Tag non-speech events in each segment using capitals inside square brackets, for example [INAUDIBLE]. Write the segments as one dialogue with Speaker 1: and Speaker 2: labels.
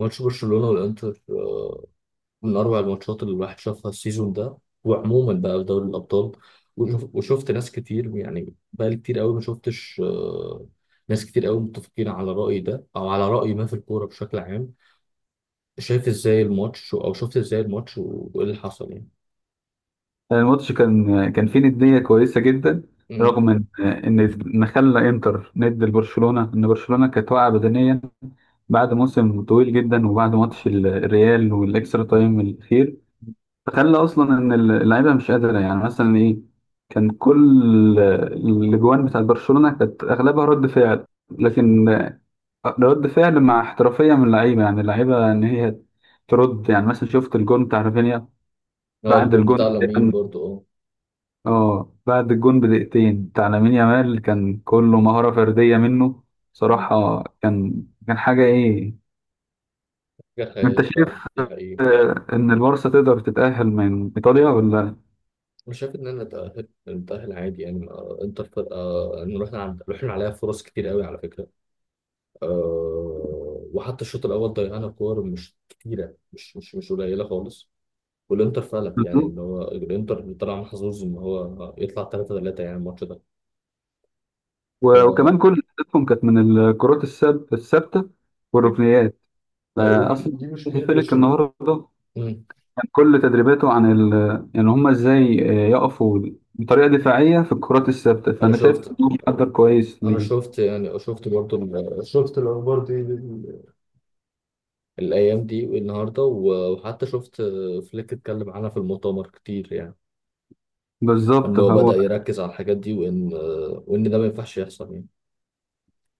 Speaker 1: ماتش برشلونة والإنتر، من أروع الماتشات اللي الواحد شافها السيزون ده. وعموما بقى في دوري الأبطال، وشفت ناس كتير، يعني بقالي كتير قوي ما شفتش، ناس كتير قوي متفقين على رأيي ده أو على رأي ما في الكورة بشكل عام. شايف إزاي الماتش، أو شفت إزاي الماتش وإيه اللي حصل يعني.
Speaker 2: الماتش كان فيه ندية كويسة جدا.
Speaker 1: مم.
Speaker 2: رغم ان ما خلى انتر ند لبرشلونة، ان برشلونة كانت واقعة بدنيا بعد موسم طويل جدا، وبعد ماتش الريال والاكسترا تايم الاخير. فخلى اصلا ان اللعيبة مش قادرة، يعني مثلا ايه. كان كل الاجوان بتاعت برشلونة كانت اغلبها رد فعل، لكن رد فعل مع احترافية من اللعيبة. يعني اللعيبة ان هي ترد، يعني مثلا شفت الجون بتاع رافينيا.
Speaker 1: هو
Speaker 2: بعد
Speaker 1: الجون بتاع
Speaker 2: الجون،
Speaker 1: لامين برضو اه.
Speaker 2: اه بعد الجون بدقيقتين بتاع لامين يامال، كان كله مهارة فردية منه.
Speaker 1: مم.
Speaker 2: صراحة كان حاجة ايه.
Speaker 1: حاجة
Speaker 2: انت
Speaker 1: خيال
Speaker 2: شايف
Speaker 1: فعلا، دي حقيقة.
Speaker 2: ان البارسا تقدر تتأهل من ايطاليا ولا؟
Speaker 1: أنا شايف إن أنا نتأهل عادي، يعني إنتر فرقة، إن رحنا عليها فرص كتير قوي على فكرة. وحتى الشوط الاول ضيعنا كور مش كتيره، مش قليله خالص. والانتر فلت، يعني
Speaker 2: بالظبط.
Speaker 1: ان هو الانتر طلع محظوظ ان هو يطلع 3-3 يعني الماتش ده.
Speaker 2: وكمان
Speaker 1: ف
Speaker 2: كل اهدافهم كانت من الكرات الثابتة والركنيات.
Speaker 1: هيقول دي
Speaker 2: اصلا
Speaker 1: دي مشكله
Speaker 2: فيلك
Speaker 1: برشلونه.
Speaker 2: النهارده
Speaker 1: مم.
Speaker 2: كان كل تدريباته عن ال... يعني هم ازاي يقفوا بطريقة دفاعية في الكرات الثابتة،
Speaker 1: انا
Speaker 2: فانا شايف
Speaker 1: شفت
Speaker 2: انه محضر كويس
Speaker 1: انا
Speaker 2: ليه.
Speaker 1: شفت، يعني شفت برضو شفت الاخبار دي الايام دي والنهارده وحتى شفت فليك اتكلم عنها في المؤتمر كتير، يعني
Speaker 2: بالظبط
Speaker 1: ان هو
Speaker 2: هو.
Speaker 1: بدأ يركز على الحاجات دي وان ده ما ينفعش يحصل يعني.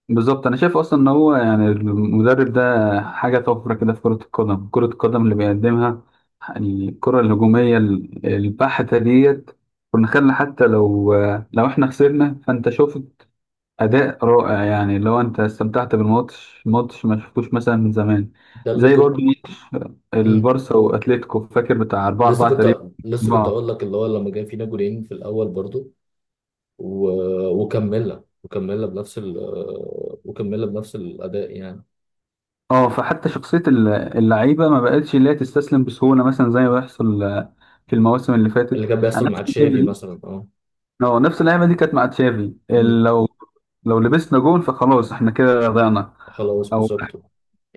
Speaker 2: بالظبط انا شايف اصلا ان هو يعني المدرب ده حاجه طفره كده في كره القدم. كره القدم اللي بيقدمها، يعني الكره الهجوميه البحته ديت، كنا خلنا حتى لو احنا خسرنا، فانت شفت اداء رائع. يعني لو انت استمتعت بالماتش ماتش ما شفتوش مثلا من زمان،
Speaker 1: ده اللي
Speaker 2: زي برضه ماتش
Speaker 1: كنت،
Speaker 2: البارسا واتليتيكو، فاكر، بتاع 4
Speaker 1: لسه
Speaker 2: 4 تقريبا.
Speaker 1: كنت لسه كنت اقول لك، اللي هو لما كان فينا جولين في الاول برضو و... وكملنا بنفس وكملنا بنفس الاداء يعني.
Speaker 2: اه فحتى شخصية اللعيبة ما بقتش اللي هي تستسلم بسهولة، مثلا زي ما بيحصل في المواسم اللي
Speaker 1: اللي
Speaker 2: فاتت.
Speaker 1: كان
Speaker 2: أنا
Speaker 1: بيحصل
Speaker 2: نفس
Speaker 1: مع
Speaker 2: اللعيبة
Speaker 1: تشافي
Speaker 2: دي.
Speaker 1: مثلا اه.
Speaker 2: اه نفس اللعيبة دي كانت مع تشافي.
Speaker 1: امم.
Speaker 2: لو لبسنا جون فخلاص احنا كده ضيعنا.
Speaker 1: خلاص
Speaker 2: او
Speaker 1: بالظبط.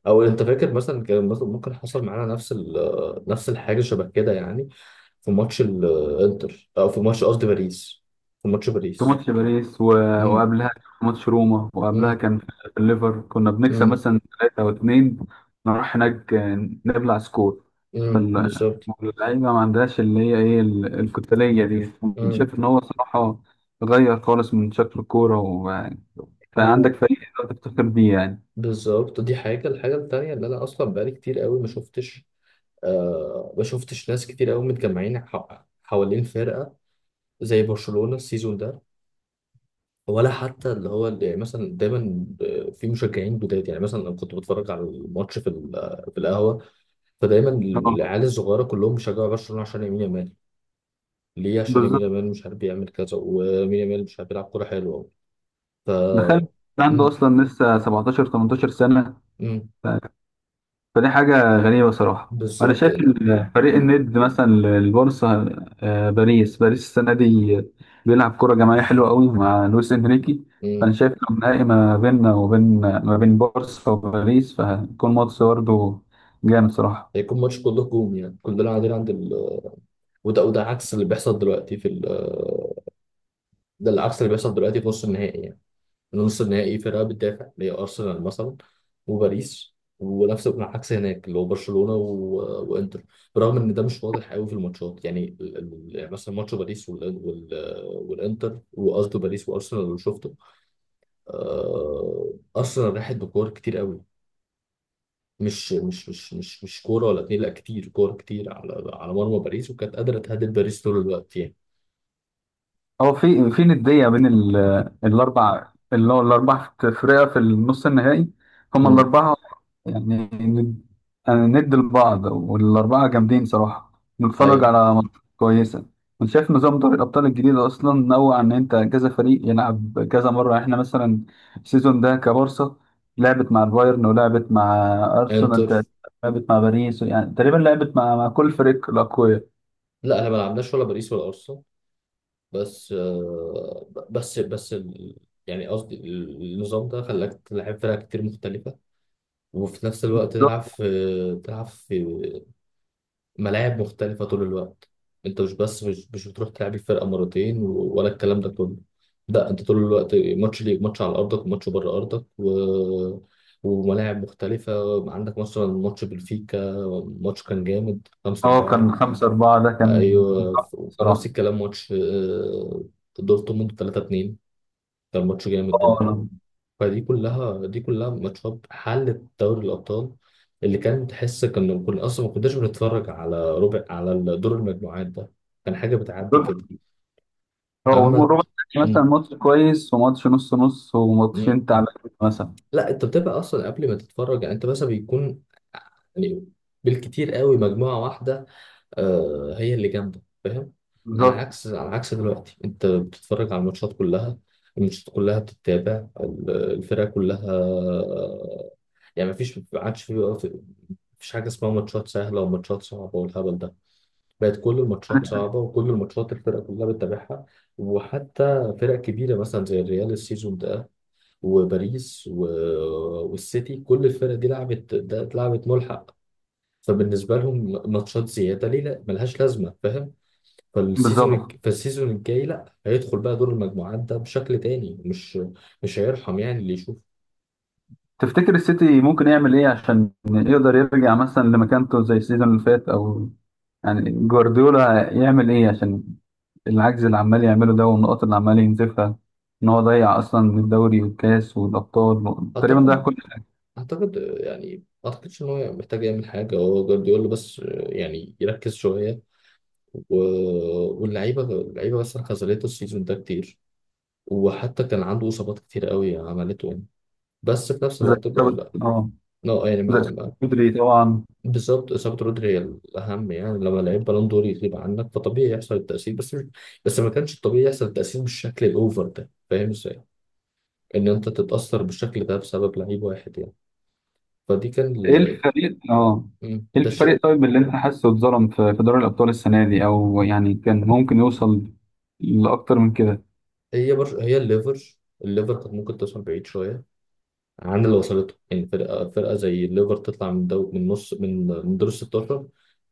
Speaker 1: او انت فاكر مثلا كان مثلا ممكن حصل معانا نفس نفس الحاجه شبه كده يعني، في ماتش الانتر، او في ماتش قصدي باريس. في ماتش
Speaker 2: في
Speaker 1: باريس.
Speaker 2: ماتش باريس و...
Speaker 1: امم.
Speaker 2: وقبلها كان في ماتش روما، وقبلها
Speaker 1: امم.
Speaker 2: كان في الليفر كنا بنكسب
Speaker 1: امم.
Speaker 2: مثلا 3 أو 2، نروح هناك نبلع سكور.
Speaker 1: بالظبط.
Speaker 2: فاللعيبة ما عندهاش اللي هي إيه الكتالية دي. شايف إن هو صراحة غير خالص من شكل الكورة و... فعندك
Speaker 1: امم
Speaker 2: فريق تقدر تفتخر بيه يعني.
Speaker 1: بالظبط، دي حاجة، الحاجة التانية اللي أنا أصلا بقالي كتير قوي ما شفتش، ما شفتش ناس كتير قوي متجمعين حوالين فرقة زي برشلونة السيزون ده. ولا حتى اللي هو اللي يعني مثلا دايما، في مشجعين جداد، يعني مثلا أنا كنت بتفرج على الماتش في في القهوة. فدايما
Speaker 2: آه،
Speaker 1: العيال الصغيرة كلهم بيشجعوا برشلونة عشان يمين يامال. ليه؟ عشان يمين
Speaker 2: بالظبط.
Speaker 1: يامال مش عارف بيعمل كذا، ويمين يامال مش عارف بيلعب كورة حلوة. ف
Speaker 2: دخلت عنده
Speaker 1: مم.
Speaker 2: أصلا لسه 17 18 سنة.
Speaker 1: مم.
Speaker 2: فدي حاجة غريبة صراحة. وأنا
Speaker 1: بالظبط،
Speaker 2: شايف
Speaker 1: مم.
Speaker 2: إن فريق الند مثلا البورصة، باريس. باريس السنة دي بيلعب كرة جماعية حلوة قوي مع لويس إنريكي. فأنا
Speaker 1: مم.
Speaker 2: شايف لو نهائي ما بيننا وبين ما بين بورصة وباريس، فهيكون ماتش برضه جامد صراحة.
Speaker 1: هيكون ماتش كله هجوم، يعني كلنا قاعدين عند وده عكس اللي بيحصل دلوقتي في ده العكس اللي بيحصل دلوقتي في نص النهائي يعني. نص النهائي فرقة بتدافع اللي هي أرسنال مثلا، وباريس. ونفس العكس هناك، اللي هو برشلونة وإنتر. برغم إن ده مش واضح قوي في الماتشات، يعني يعني مثلا ماتش باريس والإنتر وقصده باريس وأرسنال اللي شفته. أرسنال راحت بكور كتير قوي، مش كوره ولا اتنين، لا، كتير كوره كتير على مرمى باريس، وكانت قادره تهدد باريس طول الوقت يعني.
Speaker 2: هو في ندية بين الأربع، اللي هو الأربع فرقة في النص النهائي، هما
Speaker 1: امم.
Speaker 2: الأربعة يعني ند. يعني ند لبعض، والأربعة جامدين صراحة. نتفرج
Speaker 1: ايوه.
Speaker 2: على ماتشات كويسة. أنا شايف نظام دوري الأبطال الجديد أصلا نوع، إن أنت كذا فريق يلعب كذا مرة. إحنا مثلا السيزون ده كبارسا لعبت مع البايرن، ولعبت مع أرسنال
Speaker 1: انتر.
Speaker 2: تقريبا، لعبت مع باريس، يعني تقريبا لعبت مع كل فريق الأقوياء.
Speaker 1: لا احنا ما لعبناش ولا باريس ولا ارسنال. بس بس يعني قصدي النظام ده خلاك تلعب فرق كتير مختلفه، وفي نفس الوقت
Speaker 2: So.
Speaker 1: تلعب في ملاعب مختلفة طول الوقت. انت مش بس، مش بتروح تلعب الفرقة مرتين ولا الكلام ده كله. لا، انت طول الوقت ماتش ليك، ماتش على ارضك وماتش بره ارضك، وملاعب مختلفة عندك. مثلا ماتش بلفيكا، ماتش كان جامد خمسة
Speaker 2: اه كان
Speaker 1: أربعة
Speaker 2: 5-4، ده كان
Speaker 1: أيوة،
Speaker 2: تحفة
Speaker 1: ونفس
Speaker 2: بصراحة.
Speaker 1: الكلام ماتش دورتموند 3-2، كان ماتش جامد
Speaker 2: اه
Speaker 1: برضه.
Speaker 2: أنا.
Speaker 1: فدي كلها ماتشات حلت دوري الأبطال، اللي كان تحس كنا أصلا ما كناش بنتفرج على ربع، على دور المجموعات ده. كان حاجة بتعدي كده.
Speaker 2: هو
Speaker 1: أما د-
Speaker 2: الربع التاني
Speaker 1: مم.
Speaker 2: مثلا ماتش كويس، وماتش نص نص،
Speaker 1: مم.
Speaker 2: وماتشين تعبانين مثلا.
Speaker 1: لا، أنت بتبقى أصلا قبل ما تتفرج، يعني أنت مثلا بيكون، يعني بالكتير قوي مجموعة واحدة هي اللي جامدة، فاهم. على
Speaker 2: بالظبط.
Speaker 1: عكس على عكس دلوقتي أنت بتتفرج على الماتشات كلها، الماتشات كلها بتتابع، الفرقة كلها. يعني مفيش، ما عادش في، مفيش حاجة اسمها ماتشات سهلة وماتشات صعبة والهبل ده. بقت كل الماتشات صعبة، وكل الماتشات الفرق كلها بتتابعها. وحتى فرق كبيرة مثلا زي الريال السيزون ده، وباريس والسيتي، كل الفرق دي لعبت، ده اتلعبت ملحق، فبالنسبة لهم ماتشات زيادة ليه، لا ملهاش لازمة، فاهم.
Speaker 2: بالظبط.
Speaker 1: فالسيزون الجاي لا، هيدخل بقى دور المجموعات ده بشكل تاني. مش هيرحم يعني اللي يشوف.
Speaker 2: تفتكر السيتي ممكن يعمل ايه عشان يقدر يرجع مثلا لمكانته زي السيزون اللي فات، او يعني جوارديولا يعمل ايه عشان العجز اللي عمال يعمله ده والنقط اللي عمال ينزفها، ان هو ضيع اصلا الدوري والكاس والابطال، تقريبا ضيع
Speaker 1: أعتقد
Speaker 2: كل حاجه.
Speaker 1: اعتقد، يعني ما اعتقدش ان هو محتاج يعمل حاجه، هو جوارديولا بس يعني يركز شويه و... واللعيبه بس خذلته السيزون ده كتير، وحتى كان عنده اصابات كتير قوي عملته يعني. بس في نفس
Speaker 2: زي
Speaker 1: الوقت بقول
Speaker 2: إصابة-
Speaker 1: لا،
Speaker 2: اه
Speaker 1: لا يعني
Speaker 2: زي
Speaker 1: ما,
Speaker 2: إصابة
Speaker 1: ما...
Speaker 2: بدري طبعا.
Speaker 1: بالظبط. اصابه رودري هي الاهم يعني، لما لعيب بالون دور يغيب عنك فطبيعي يحصل التاثير، بس ما كانش الطبيعي يحصل التاثير بالشكل الاوفر ده، فاهم ازاي؟ ان انت تتاثر بالشكل ده بسبب لعيب واحد يعني. فدي كان
Speaker 2: ايه
Speaker 1: ال...
Speaker 2: الفريق اه ايه
Speaker 1: ده الشيء.
Speaker 2: الفريق طيب اللي انت حاسه اتظلم في دوري الابطال السنه دي، او يعني كان ممكن يوصل لاكتر من كده؟
Speaker 1: هي الليفر. الليفر كانت ممكن توصل بعيد شويه عن اللي وصلته. يعني فرقه زي الليفر تطلع من من نص، من دور ال 16،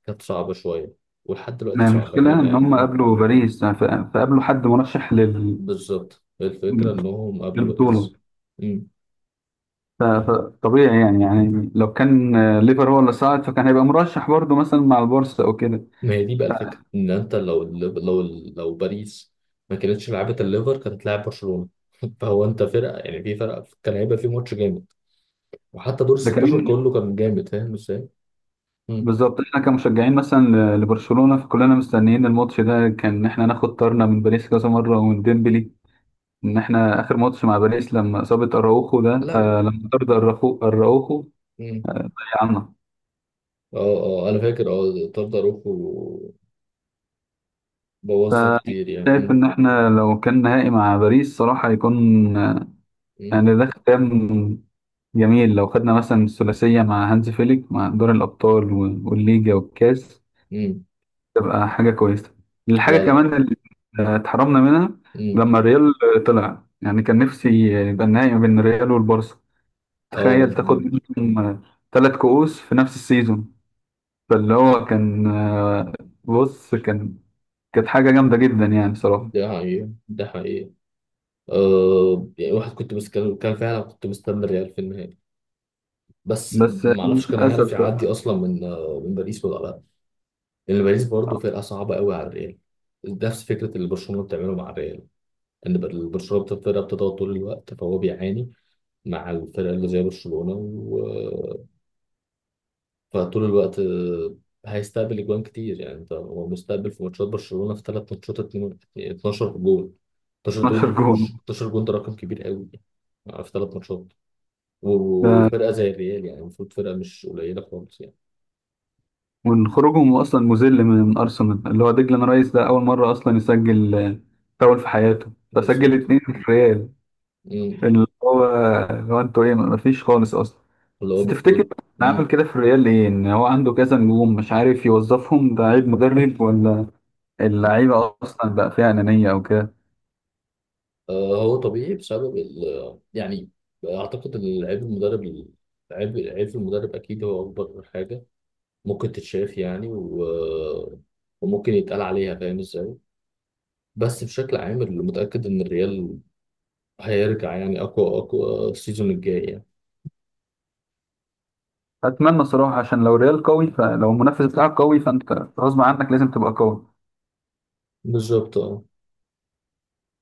Speaker 1: كانت صعبه شويه، ولحد دلوقتي
Speaker 2: ما
Speaker 1: صعبه يعني
Speaker 2: المشكله ان
Speaker 1: أنا...
Speaker 2: هم
Speaker 1: مم.
Speaker 2: قابلوا باريس، فقابلوا حد مرشح لل...
Speaker 1: بالظبط، الفكره انهم قابلوا
Speaker 2: للبطوله.
Speaker 1: باريس. مم.
Speaker 2: فطبيعي يعني لو كان ليفر هو اللي صعد، فكان هيبقى مرشح برضه مثلا مع البورصه او كده.
Speaker 1: ما هي دي بقى الفكره، ان انت لو لو باريس ما كانتش لعبت الليفر كانت هتلاعب برشلونه. [LAUGHS] فهو انت فرقه، يعني في فرقه كان هيبقى في ماتش جامد، وحتى دور ال
Speaker 2: ده
Speaker 1: 16
Speaker 2: كمان
Speaker 1: كله كان جامد، فاهم ازاي؟ مم.
Speaker 2: بالظبط. احنا كمشجعين مثلا لبرشلونه، فكلنا مستنيين الماتش ده. كان احنا ناخد طارنا من باريس كذا مره ومن ديمبلي. ان احنا اخر ماتش مع باريس لما اصابه اراوخو ده،
Speaker 1: لا.
Speaker 2: آه لما طرد اراوخو
Speaker 1: مم.
Speaker 2: ضيعنا.
Speaker 1: اه اه انا فاكر، اه طرد اروخو، بوظنا كتير
Speaker 2: فشايف
Speaker 1: يعني.
Speaker 2: ان احنا لو كان نهائي مع باريس، صراحه هيكون
Speaker 1: امم.
Speaker 2: يعني ده ختام جميل. لو خدنا مثلا الثلاثيه مع هانز فيليك، مع دور الابطال والليجا والكاس،
Speaker 1: امم.
Speaker 2: تبقى حاجه كويسه. الحاجه
Speaker 1: لا. لا.
Speaker 2: كمان اللي اتحرمنا منها
Speaker 1: امم.
Speaker 2: لما الريال طلع، يعني كان نفسي يبقى النهائي ما بين الريال والبارسا. تخيل
Speaker 1: اه.
Speaker 2: تاخد
Speaker 1: مم.
Speaker 2: منهم 3 كؤوس في نفس السيزون. فاللي هو كان بص كان. كانت حاجة جامدة جدا يعني صراحة.
Speaker 1: ده حقيقة، ده حقيقة. يعني واحد، كنت بس، كان فعلا كنت مستني الريال في النهائي. بس
Speaker 2: بس
Speaker 1: ما اعرفش كان هيعرف
Speaker 2: للأسف
Speaker 1: يعدي
Speaker 2: بقى،
Speaker 1: اصلا من من باريس ولا لا. لان باريس برضه فرقة صعبة قوي على الريال، نفس فكرة اللي برشلونة بتعمله مع الريال، ان برشلونة بتبقى فرقة بتضغط طول الوقت، فهو بيعاني مع الفرق اللي زي برشلونة. فطول الوقت، هيستقبل اجوان كتير. يعني انت هو مستقبل في ماتشات برشلونة، في ثلاث ماتشات 12 جول، 12
Speaker 2: 12
Speaker 1: دول،
Speaker 2: جون
Speaker 1: 12 جول، ده رقم كبير قوي يعني. في ثلاث ماتشات،
Speaker 2: ده
Speaker 1: وفرقة زي الريال يعني المفروض فرقة مش قليلة خالص يعني.
Speaker 2: من خروجهم أصلا مذل من أرسنال، اللي هو ديكلان رايس ده أول مرة أصلا يسجل فاول في حياته، فسجل
Speaker 1: بالظبط.
Speaker 2: اتنين في الريال،
Speaker 1: مم.
Speaker 2: اللي هو اللي هو أنتوا إيه مفيش خالص أصلا.
Speaker 1: اللي هو
Speaker 2: بس تفتكر
Speaker 1: المفروض.
Speaker 2: أنا عامل
Speaker 1: مم.
Speaker 2: كده في الريال ليه؟ إن هو عنده كذا نجوم مش عارف يوظفهم. ده عيب مدرب، ولا اللعيبة أصلا بقى فيها أنانية أو كده؟
Speaker 1: هو طبيعي بسبب ال، يعني، أعتقد إن عيب المدرب. عيب المدرب أكيد هو أكبر حاجة ممكن تتشاف يعني، وممكن يتقال عليها، فاهم إزاي. بس بشكل عام، اللي متأكد إن الريال هيرجع، يعني أقوى، أقوى السيزون الجاي يعني.
Speaker 2: اتمنى صراحه عشان لو ريال قوي، فلو المنافس بتاعك قوي فانت غصب عنك لازم تبقى قوي.
Speaker 1: بالظبط آه.